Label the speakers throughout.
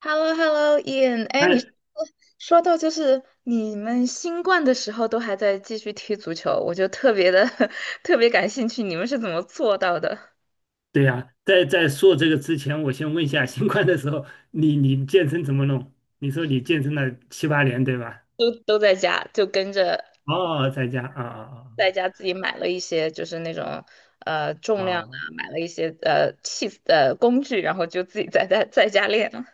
Speaker 1: h e l l o h e l l o i a n 哎，你
Speaker 2: 哎，
Speaker 1: 说到就是你们新冠的时候都还在继续踢足球，我就特别的 特别感兴趣，你们是怎么做到的？
Speaker 2: 对呀、在说这个之前，我先问一下，新冠的时候，你健身怎么弄？你说你健身了七八年，对吧？
Speaker 1: 都在家就跟着
Speaker 2: 哦，在家啊
Speaker 1: 在家自己买了一些就是那种
Speaker 2: 啊
Speaker 1: 重量啊，
Speaker 2: 啊
Speaker 1: 买了一些器工具，然后就自己在家练了。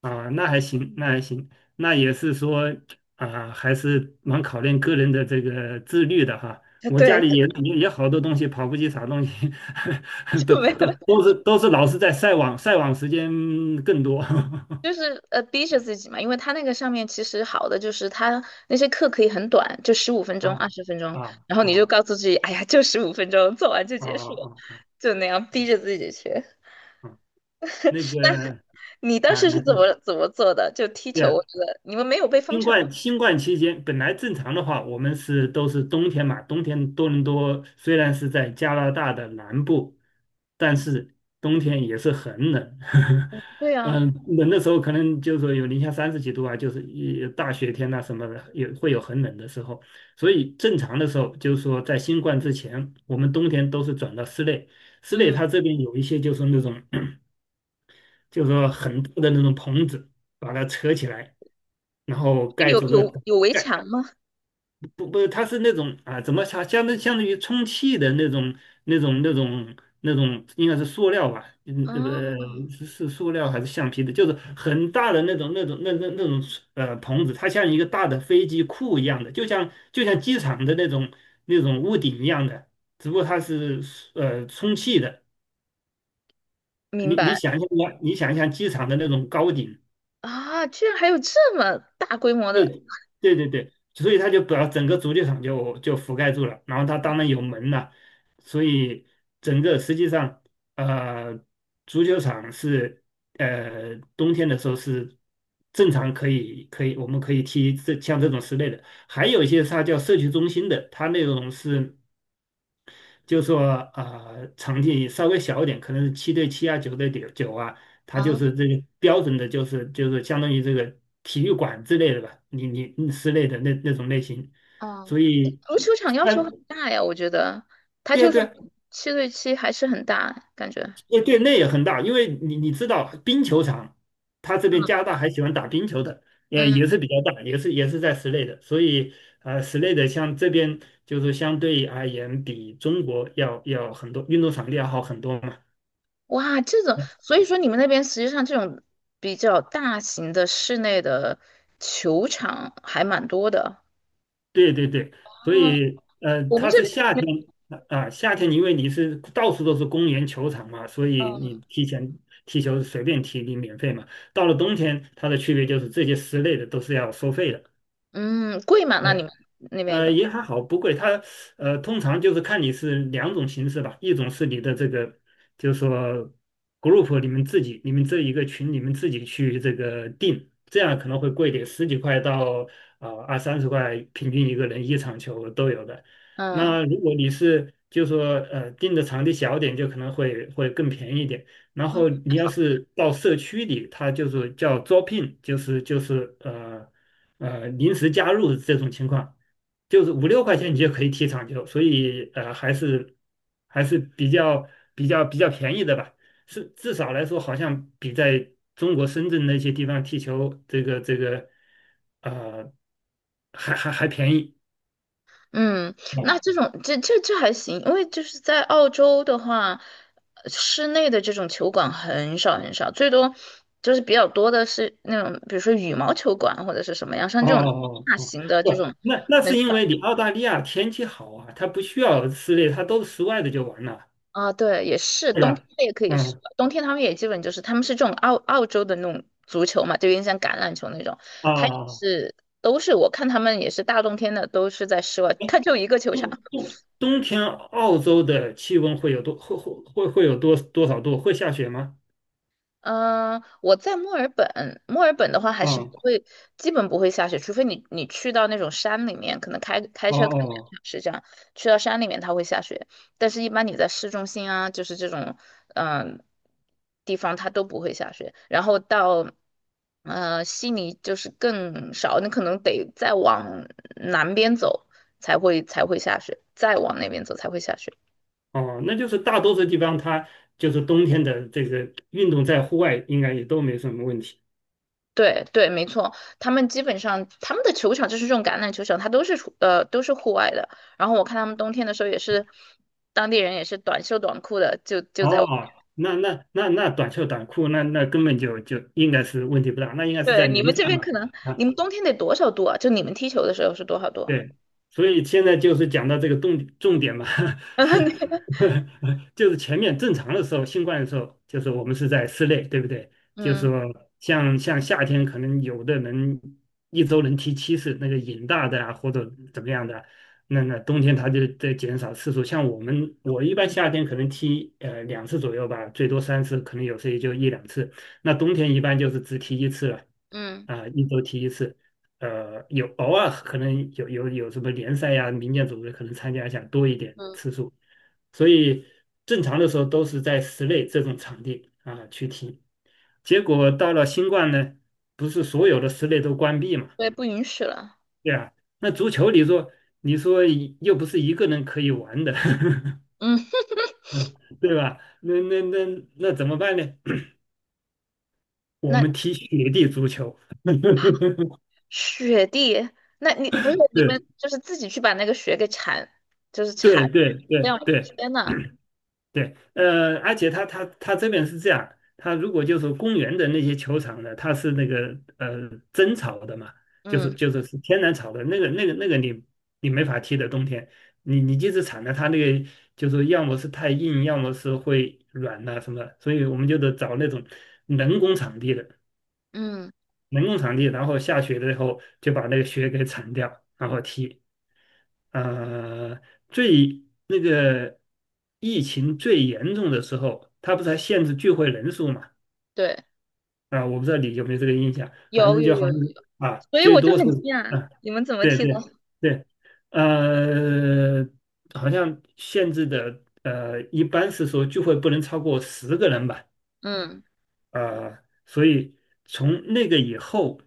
Speaker 2: 啊，啊那还行，那还行，那也是说啊，还是蛮考验个人的这个自律的哈。我家
Speaker 1: 对，
Speaker 2: 里也好多东西，跑步机啥东西，都
Speaker 1: 就没
Speaker 2: 都
Speaker 1: 有
Speaker 2: 都是都是老是在晒网，晒网时间更多。
Speaker 1: 就 是逼着自己嘛，因为它那个上面其实好的就是它那些课可以很短，就十五分钟、二
Speaker 2: 啊
Speaker 1: 十分钟，
Speaker 2: 啊
Speaker 1: 然后你就
Speaker 2: 啊
Speaker 1: 告诉自己，哎呀，就十五分钟，做完就
Speaker 2: 啊
Speaker 1: 结
Speaker 2: 啊
Speaker 1: 束了
Speaker 2: 啊啊！啊
Speaker 1: 就那样逼着自己去。
Speaker 2: 啊那个，
Speaker 1: 你当
Speaker 2: 啊，
Speaker 1: 时
Speaker 2: 就
Speaker 1: 是
Speaker 2: 是
Speaker 1: 怎么做的？就踢球，
Speaker 2: 对，
Speaker 1: 我觉得你们没有被封
Speaker 2: 新
Speaker 1: 城吗？
Speaker 2: 冠新冠期间本来正常的话，我们都是冬天嘛，冬天多伦多虽然是在加拿大的南部，但是冬天也是很冷，
Speaker 1: 对 啊，
Speaker 2: 嗯，冷的时候可能就是说有零下三十几度啊，就是一大雪天呐、什么的，也会有很冷的时候。所以正常的时候，就是说在新冠之前，我们冬天都是转到室内，室内
Speaker 1: 嗯，
Speaker 2: 它这边有一些就是那种。就是说很多的那种棚子把它扯起来，然后盖
Speaker 1: 有
Speaker 2: 住这
Speaker 1: 有有围
Speaker 2: 盖
Speaker 1: 墙吗？
Speaker 2: 不不，它是那种啊，怎么它相当于充气的那种那种那种，应该是塑料吧？嗯，不，
Speaker 1: 啊，
Speaker 2: 是塑料还是橡皮的？就是很大的那种棚子，它像一个大的飞机库一样的，就像机场的那种屋顶一样的，只不过它是充气的。
Speaker 1: 明
Speaker 2: 你
Speaker 1: 白。
Speaker 2: 你想象一下，你想一下机场的那种高顶。
Speaker 1: 啊，居然还有这么大规模的。
Speaker 2: 对对对对，所以他就把整个足球场就覆盖住了，然后他当然有门了，所以整个实际上，呃，足球场是冬天的时候是正常可以我们可以踢这像这种室内的，还有一些它叫社区中心的，它那种是。就说啊，场地稍微小一点，可能是七对七啊，九对九啊，它就
Speaker 1: 啊
Speaker 2: 是这个标准的，就是相当于这个体育馆之类的吧，你室内的那种类型，
Speaker 1: 啊！
Speaker 2: 所以
Speaker 1: 足球场要求
Speaker 2: 但
Speaker 1: 很大呀，我觉得它
Speaker 2: 对啊
Speaker 1: 就
Speaker 2: 对
Speaker 1: 算
Speaker 2: 啊，
Speaker 1: 7对7还是很大感觉。
Speaker 2: 对对那也很大，因为你知道冰球场，他这边加拿大还喜欢打冰球的，也
Speaker 1: 嗯，
Speaker 2: 也是比较大，也是在室内的，所以室内的像这边就是相对而言比中国要很多运动场地要好很多嘛。
Speaker 1: 哇，这种，所以说你们那边实际上这种比较大型的室内的球场还蛮多的。
Speaker 2: 对对对，所
Speaker 1: 哦，
Speaker 2: 以
Speaker 1: 我们
Speaker 2: 它
Speaker 1: 这
Speaker 2: 是
Speaker 1: 边，
Speaker 2: 夏天啊，夏天因为你是到处都是公园球场嘛，所以
Speaker 1: 嗯。
Speaker 2: 你提前踢球是随便踢，你免费嘛。到了冬天，它的区别就是这些室内的都是要收费的。
Speaker 1: 嗯，贵吗？那你
Speaker 2: 对。
Speaker 1: 们那边一般？
Speaker 2: 也还好，不贵。它通常就是看你是两种形式吧，一种是你的这个，就是说 group 你们自己，你们这一个群你们自己去这个定，这样可能会贵一点，十几块到二三十块，平均一个人一场球都有的。
Speaker 1: 嗯，
Speaker 2: 那如果你是就说定的场地小点，就可能会更便宜一点。然
Speaker 1: 哦
Speaker 2: 后你
Speaker 1: 还
Speaker 2: 要
Speaker 1: 好。
Speaker 2: 是到社区里，它就是叫招聘，就是临时加入这种情况。就是五六块钱你就可以踢场球，所以还是比较便宜的吧，是至少来说好像比在中国深圳那些地方踢球这个呃还便宜。
Speaker 1: 嗯，那这
Speaker 2: 哦
Speaker 1: 种这还行，因为就是在澳洲的话，室内的这种球馆很少很少，最多就是比较多的是那种，比如说羽毛球馆或者是什么样，像
Speaker 2: 哦
Speaker 1: 这种
Speaker 2: 哦，
Speaker 1: 大
Speaker 2: 哦，
Speaker 1: 型的这
Speaker 2: 不，
Speaker 1: 种
Speaker 2: 那
Speaker 1: 很
Speaker 2: 是因
Speaker 1: 少。
Speaker 2: 为你澳大利亚天气好啊，它不需要室内，它都室外的就完了，
Speaker 1: 啊，对，也是
Speaker 2: 对
Speaker 1: 冬天
Speaker 2: 吧？
Speaker 1: 它也可以是，
Speaker 2: 嗯
Speaker 1: 冬天他们也基本就是他们是这种澳洲的那种足球嘛，就有点像橄榄球那种，
Speaker 2: 啊
Speaker 1: 他也
Speaker 2: 啊啊
Speaker 1: 是都是我看他们也是大冬天的都是在室外，他就一个球场，
Speaker 2: 冬冬冬天澳洲的气温会有多少度？会下雪吗？
Speaker 1: 嗯，我在墨尔本，墨尔本的话还是不
Speaker 2: 嗯，
Speaker 1: 会，基本不会下雪，除非你你去到那种山里面，可能开
Speaker 2: 哦
Speaker 1: 车开两
Speaker 2: 哦
Speaker 1: 个小时这样，去到山里面它会下雪，但是一般你在市中心啊，就是这种嗯地方它都不会下雪，然后到悉尼就是更少，你可能得再往南边走才会下雪，再往那边走才会下雪。
Speaker 2: 哦，那就是大多数地方它就是冬天的这个运动在户外应该也都没什么问题。
Speaker 1: 对对，没错，他们基本上他们的球场就是这种橄榄球场，它都是都是户外的。然后我看他们冬天的时候也是，当地人也是短袖短裤的，就在。
Speaker 2: 哦，那短袖短裤那根本就应该是问题不大，那应该是
Speaker 1: 对，
Speaker 2: 在
Speaker 1: 你
Speaker 2: 零
Speaker 1: 们
Speaker 2: 上
Speaker 1: 这边可能
Speaker 2: 的。
Speaker 1: 你
Speaker 2: 啊
Speaker 1: 们冬天得多少度啊？就你们踢球的时候是多少度？
Speaker 2: 对，所以现在就是讲到这个重点嘛，就是前面正常的时候，新冠的时候，就是我们是在室内，对不对？就是
Speaker 1: 嗯
Speaker 2: 说像夏天，可能有的人一周能踢7次，那个瘾大的啊，或者怎么样的，那冬天他就在减少次数。像我们，我一般夏天可能踢两次左右吧，最多三次，可能有时也就一两次。那冬天一般就是只踢一次了，
Speaker 1: 嗯
Speaker 2: 啊、一周踢一次。有偶尔可能有什么联赛呀、民间组织可能参加一下多一点
Speaker 1: 嗯，
Speaker 2: 次数，所以正常的时候都是在室内这种场地啊去踢。结果到了新冠呢，不是所有的室内都关闭嘛，
Speaker 1: 对，不允许了。
Speaker 2: 对吧？那足球你说又不是一个人可以玩的，
Speaker 1: 嗯，
Speaker 2: 对吧？那怎么办呢？我
Speaker 1: 那
Speaker 2: 们踢雪地足球，
Speaker 1: 雪地，那你不是你们 就是自己去把那个雪给铲，就是
Speaker 2: 对
Speaker 1: 铲
Speaker 2: 对对
Speaker 1: 掉？
Speaker 2: 对。对
Speaker 1: 天呐，
Speaker 2: 对，而且他这边是这样，他如果就是公园的那些球场呢，它是那个真草的嘛，就是
Speaker 1: 嗯
Speaker 2: 就是是天然草的，那个你没法踢的，冬天你即使铲了它那个，就是要么是太硬，要么是会软呐、什么所以我们就得找那种人工场地的，
Speaker 1: 嗯，
Speaker 2: 人工场地，然后下雪了以后就把那个雪给铲掉，然后踢。呃，最那个疫情最严重的时候，他不是还限制聚会人数嘛？
Speaker 1: 对，
Speaker 2: 啊，我不知道你有没有这个印象，反
Speaker 1: 有
Speaker 2: 正
Speaker 1: 有
Speaker 2: 就好
Speaker 1: 有。
Speaker 2: 像是啊，
Speaker 1: 所以
Speaker 2: 最
Speaker 1: 我就
Speaker 2: 多是
Speaker 1: 很惊讶，
Speaker 2: 啊，
Speaker 1: 你们怎么
Speaker 2: 对
Speaker 1: 踢龙？
Speaker 2: 对对，呃，好像限制的，一般是说聚会不能超过十个人吧。
Speaker 1: 嗯
Speaker 2: 啊，所以从那个以后，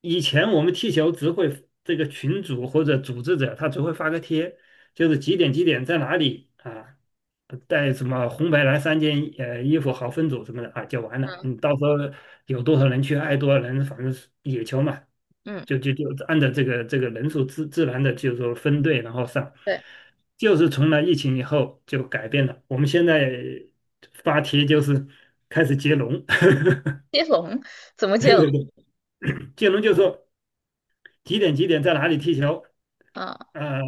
Speaker 2: 以前我们踢球只会这个群主或者组织者他只会发个贴，就是几点几点在哪里啊，带什么红白蓝三件衣服好分组什么的啊就完了。
Speaker 1: 嗯，
Speaker 2: 你到时候有多少人去，爱多少人，反正是野球嘛，
Speaker 1: 嗯，
Speaker 2: 就按照这个人数自然的就是说分队然后上，
Speaker 1: 对，
Speaker 2: 就是从那疫情以后就改变了。我们现在发帖就是开始接龙，
Speaker 1: 接龙怎么接
Speaker 2: 对
Speaker 1: 龙？
Speaker 2: 对对接龙就说几点几点在哪里踢球，
Speaker 1: 啊。
Speaker 2: 呃，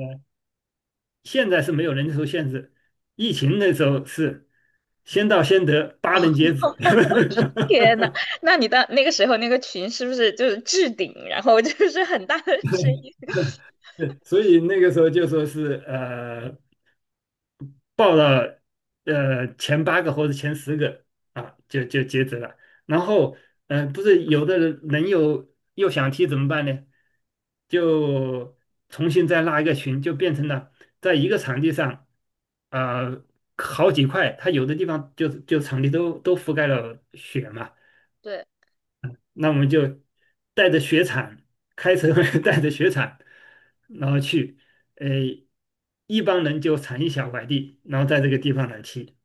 Speaker 2: 现在是没有人数限制，疫情那时候是先到先得，八
Speaker 1: 哦，
Speaker 2: 人截止。
Speaker 1: 天呐，那你的那个时候那个群是不是就是置顶，然后就是很大的声音？
Speaker 2: 对所以那个时候就说是报了前8个或者前十个啊，就截止了。然后嗯、不是有的人又想踢怎么办呢？就重新再拉一个群，就变成了在一个场地上啊、好几块，它有的地方就场地都覆盖了雪嘛。
Speaker 1: 对，
Speaker 2: 那我们就带着雪铲，开车 带着雪铲，然后去，呃，一帮人就铲一小块地，然后在这个地方来踢。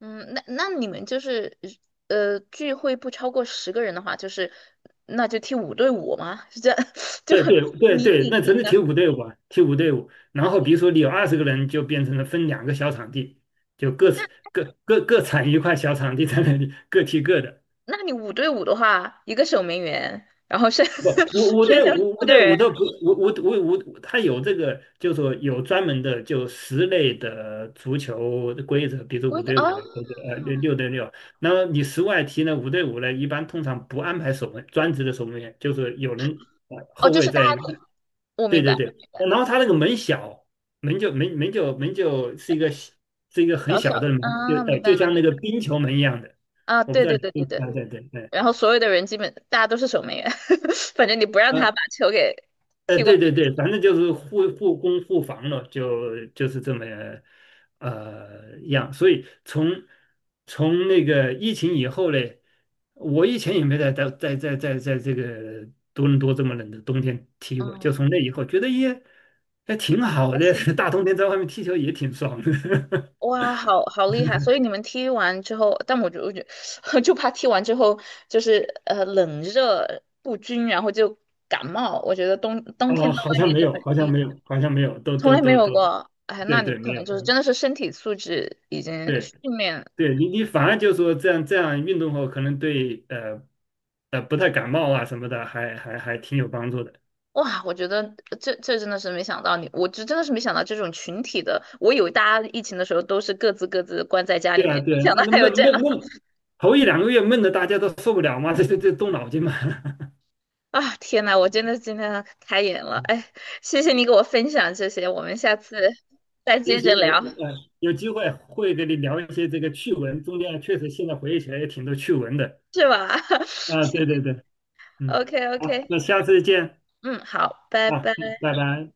Speaker 1: 嗯，那那你们就是聚会不超过10个人的话，就是那就踢五对五吗？是这样，就
Speaker 2: 对对对
Speaker 1: 你
Speaker 2: 对，
Speaker 1: 你
Speaker 2: 那只
Speaker 1: 你
Speaker 2: 是
Speaker 1: 的，
Speaker 2: 替补队伍啊，替补队伍。然后比如说你有20个人，就变成了分两个小场地，就各产一块小场地在那里各踢各的。
Speaker 1: 那你五对五的话，一个守门员，然后剩
Speaker 2: 不，五五
Speaker 1: 剩
Speaker 2: 对
Speaker 1: 下四
Speaker 2: 五五
Speaker 1: 个
Speaker 2: 对五的
Speaker 1: 人，
Speaker 2: 不五五五五，它有这个，就是说有专门的就十类的足球的规则，比如
Speaker 1: 我
Speaker 2: 五对五
Speaker 1: 哦。
Speaker 2: 啊或者六对六。那么你十外踢呢，五对五呢，一般通常不安排守门，专职的守门员，就是有人
Speaker 1: 哦，
Speaker 2: 后
Speaker 1: 就
Speaker 2: 卫
Speaker 1: 是大家。
Speaker 2: 在。
Speaker 1: 我
Speaker 2: 对
Speaker 1: 明白
Speaker 2: 对
Speaker 1: 了，
Speaker 2: 对，
Speaker 1: 明白了，
Speaker 2: 然后他那个门小，门就是一个小是一个很
Speaker 1: 小小
Speaker 2: 小的
Speaker 1: 的
Speaker 2: 门，就
Speaker 1: 啊，
Speaker 2: 呃
Speaker 1: 明白
Speaker 2: 就
Speaker 1: 了，明
Speaker 2: 像
Speaker 1: 白了。
Speaker 2: 那个冰球门一样的，
Speaker 1: 啊，
Speaker 2: 我不
Speaker 1: 对
Speaker 2: 知道
Speaker 1: 对
Speaker 2: 你
Speaker 1: 对对对，
Speaker 2: 对对对对。
Speaker 1: 然后所有的人基本大家都是守门员，反正你不让他把球给踢过
Speaker 2: 对
Speaker 1: 去，
Speaker 2: 对对，反正就是互攻互防了，就是这么样。所以从那个疫情以后嘞，我以前也没在这个多伦多这么冷的冬天踢过，就
Speaker 1: 嗯，
Speaker 2: 从那以后觉得也还挺好
Speaker 1: 还
Speaker 2: 的，
Speaker 1: 行，
Speaker 2: 大冬天在外面踢球也挺爽的。
Speaker 1: 哇，好好厉害！所以你们踢完之后，但我就 就怕踢完之后就是冷热不均，然后就感冒。我觉得冬天
Speaker 2: 哦，
Speaker 1: 到
Speaker 2: 好
Speaker 1: 外
Speaker 2: 像
Speaker 1: 面
Speaker 2: 没
Speaker 1: 就
Speaker 2: 有，
Speaker 1: 很容
Speaker 2: 好像
Speaker 1: 易，
Speaker 2: 没有，好像没有，都
Speaker 1: 从
Speaker 2: 都
Speaker 1: 来没
Speaker 2: 都
Speaker 1: 有
Speaker 2: 都，
Speaker 1: 过。哎，
Speaker 2: 对
Speaker 1: 那你们
Speaker 2: 对，没
Speaker 1: 可
Speaker 2: 有，
Speaker 1: 能就是真的是身体素质已经
Speaker 2: 对。
Speaker 1: 训练。
Speaker 2: 对，你反而就说这样运动后，可能对不太感冒啊什么的，还挺有帮助的。
Speaker 1: 哇，我觉得这这真的是没想到你，我就真的是没想到这种群体的。我以为大家疫情的时候都是各自关在家
Speaker 2: 对
Speaker 1: 里面，
Speaker 2: 啊，
Speaker 1: 没
Speaker 2: 对啊，
Speaker 1: 想
Speaker 2: 那
Speaker 1: 到
Speaker 2: 那
Speaker 1: 还有
Speaker 2: 闷
Speaker 1: 这
Speaker 2: 闷
Speaker 1: 样
Speaker 2: 闷，头一两个月闷的大家都受不了嘛，这动脑筋嘛。
Speaker 1: 啊！天呐，我真的今天开眼了，
Speaker 2: 嗯
Speaker 1: 哎，谢谢你给我分享这些，我们下次再
Speaker 2: 行
Speaker 1: 接着
Speaker 2: 行，有
Speaker 1: 聊，
Speaker 2: 呃有机会会跟你聊一些这个趣闻，中间确实现在回忆起来也挺多趣闻的。
Speaker 1: 是吧
Speaker 2: 啊，对对对，嗯，
Speaker 1: ？OK
Speaker 2: 好，
Speaker 1: OK，
Speaker 2: 那下次见
Speaker 1: 嗯，好，拜
Speaker 2: 啊，
Speaker 1: 拜。
Speaker 2: 嗯拜拜。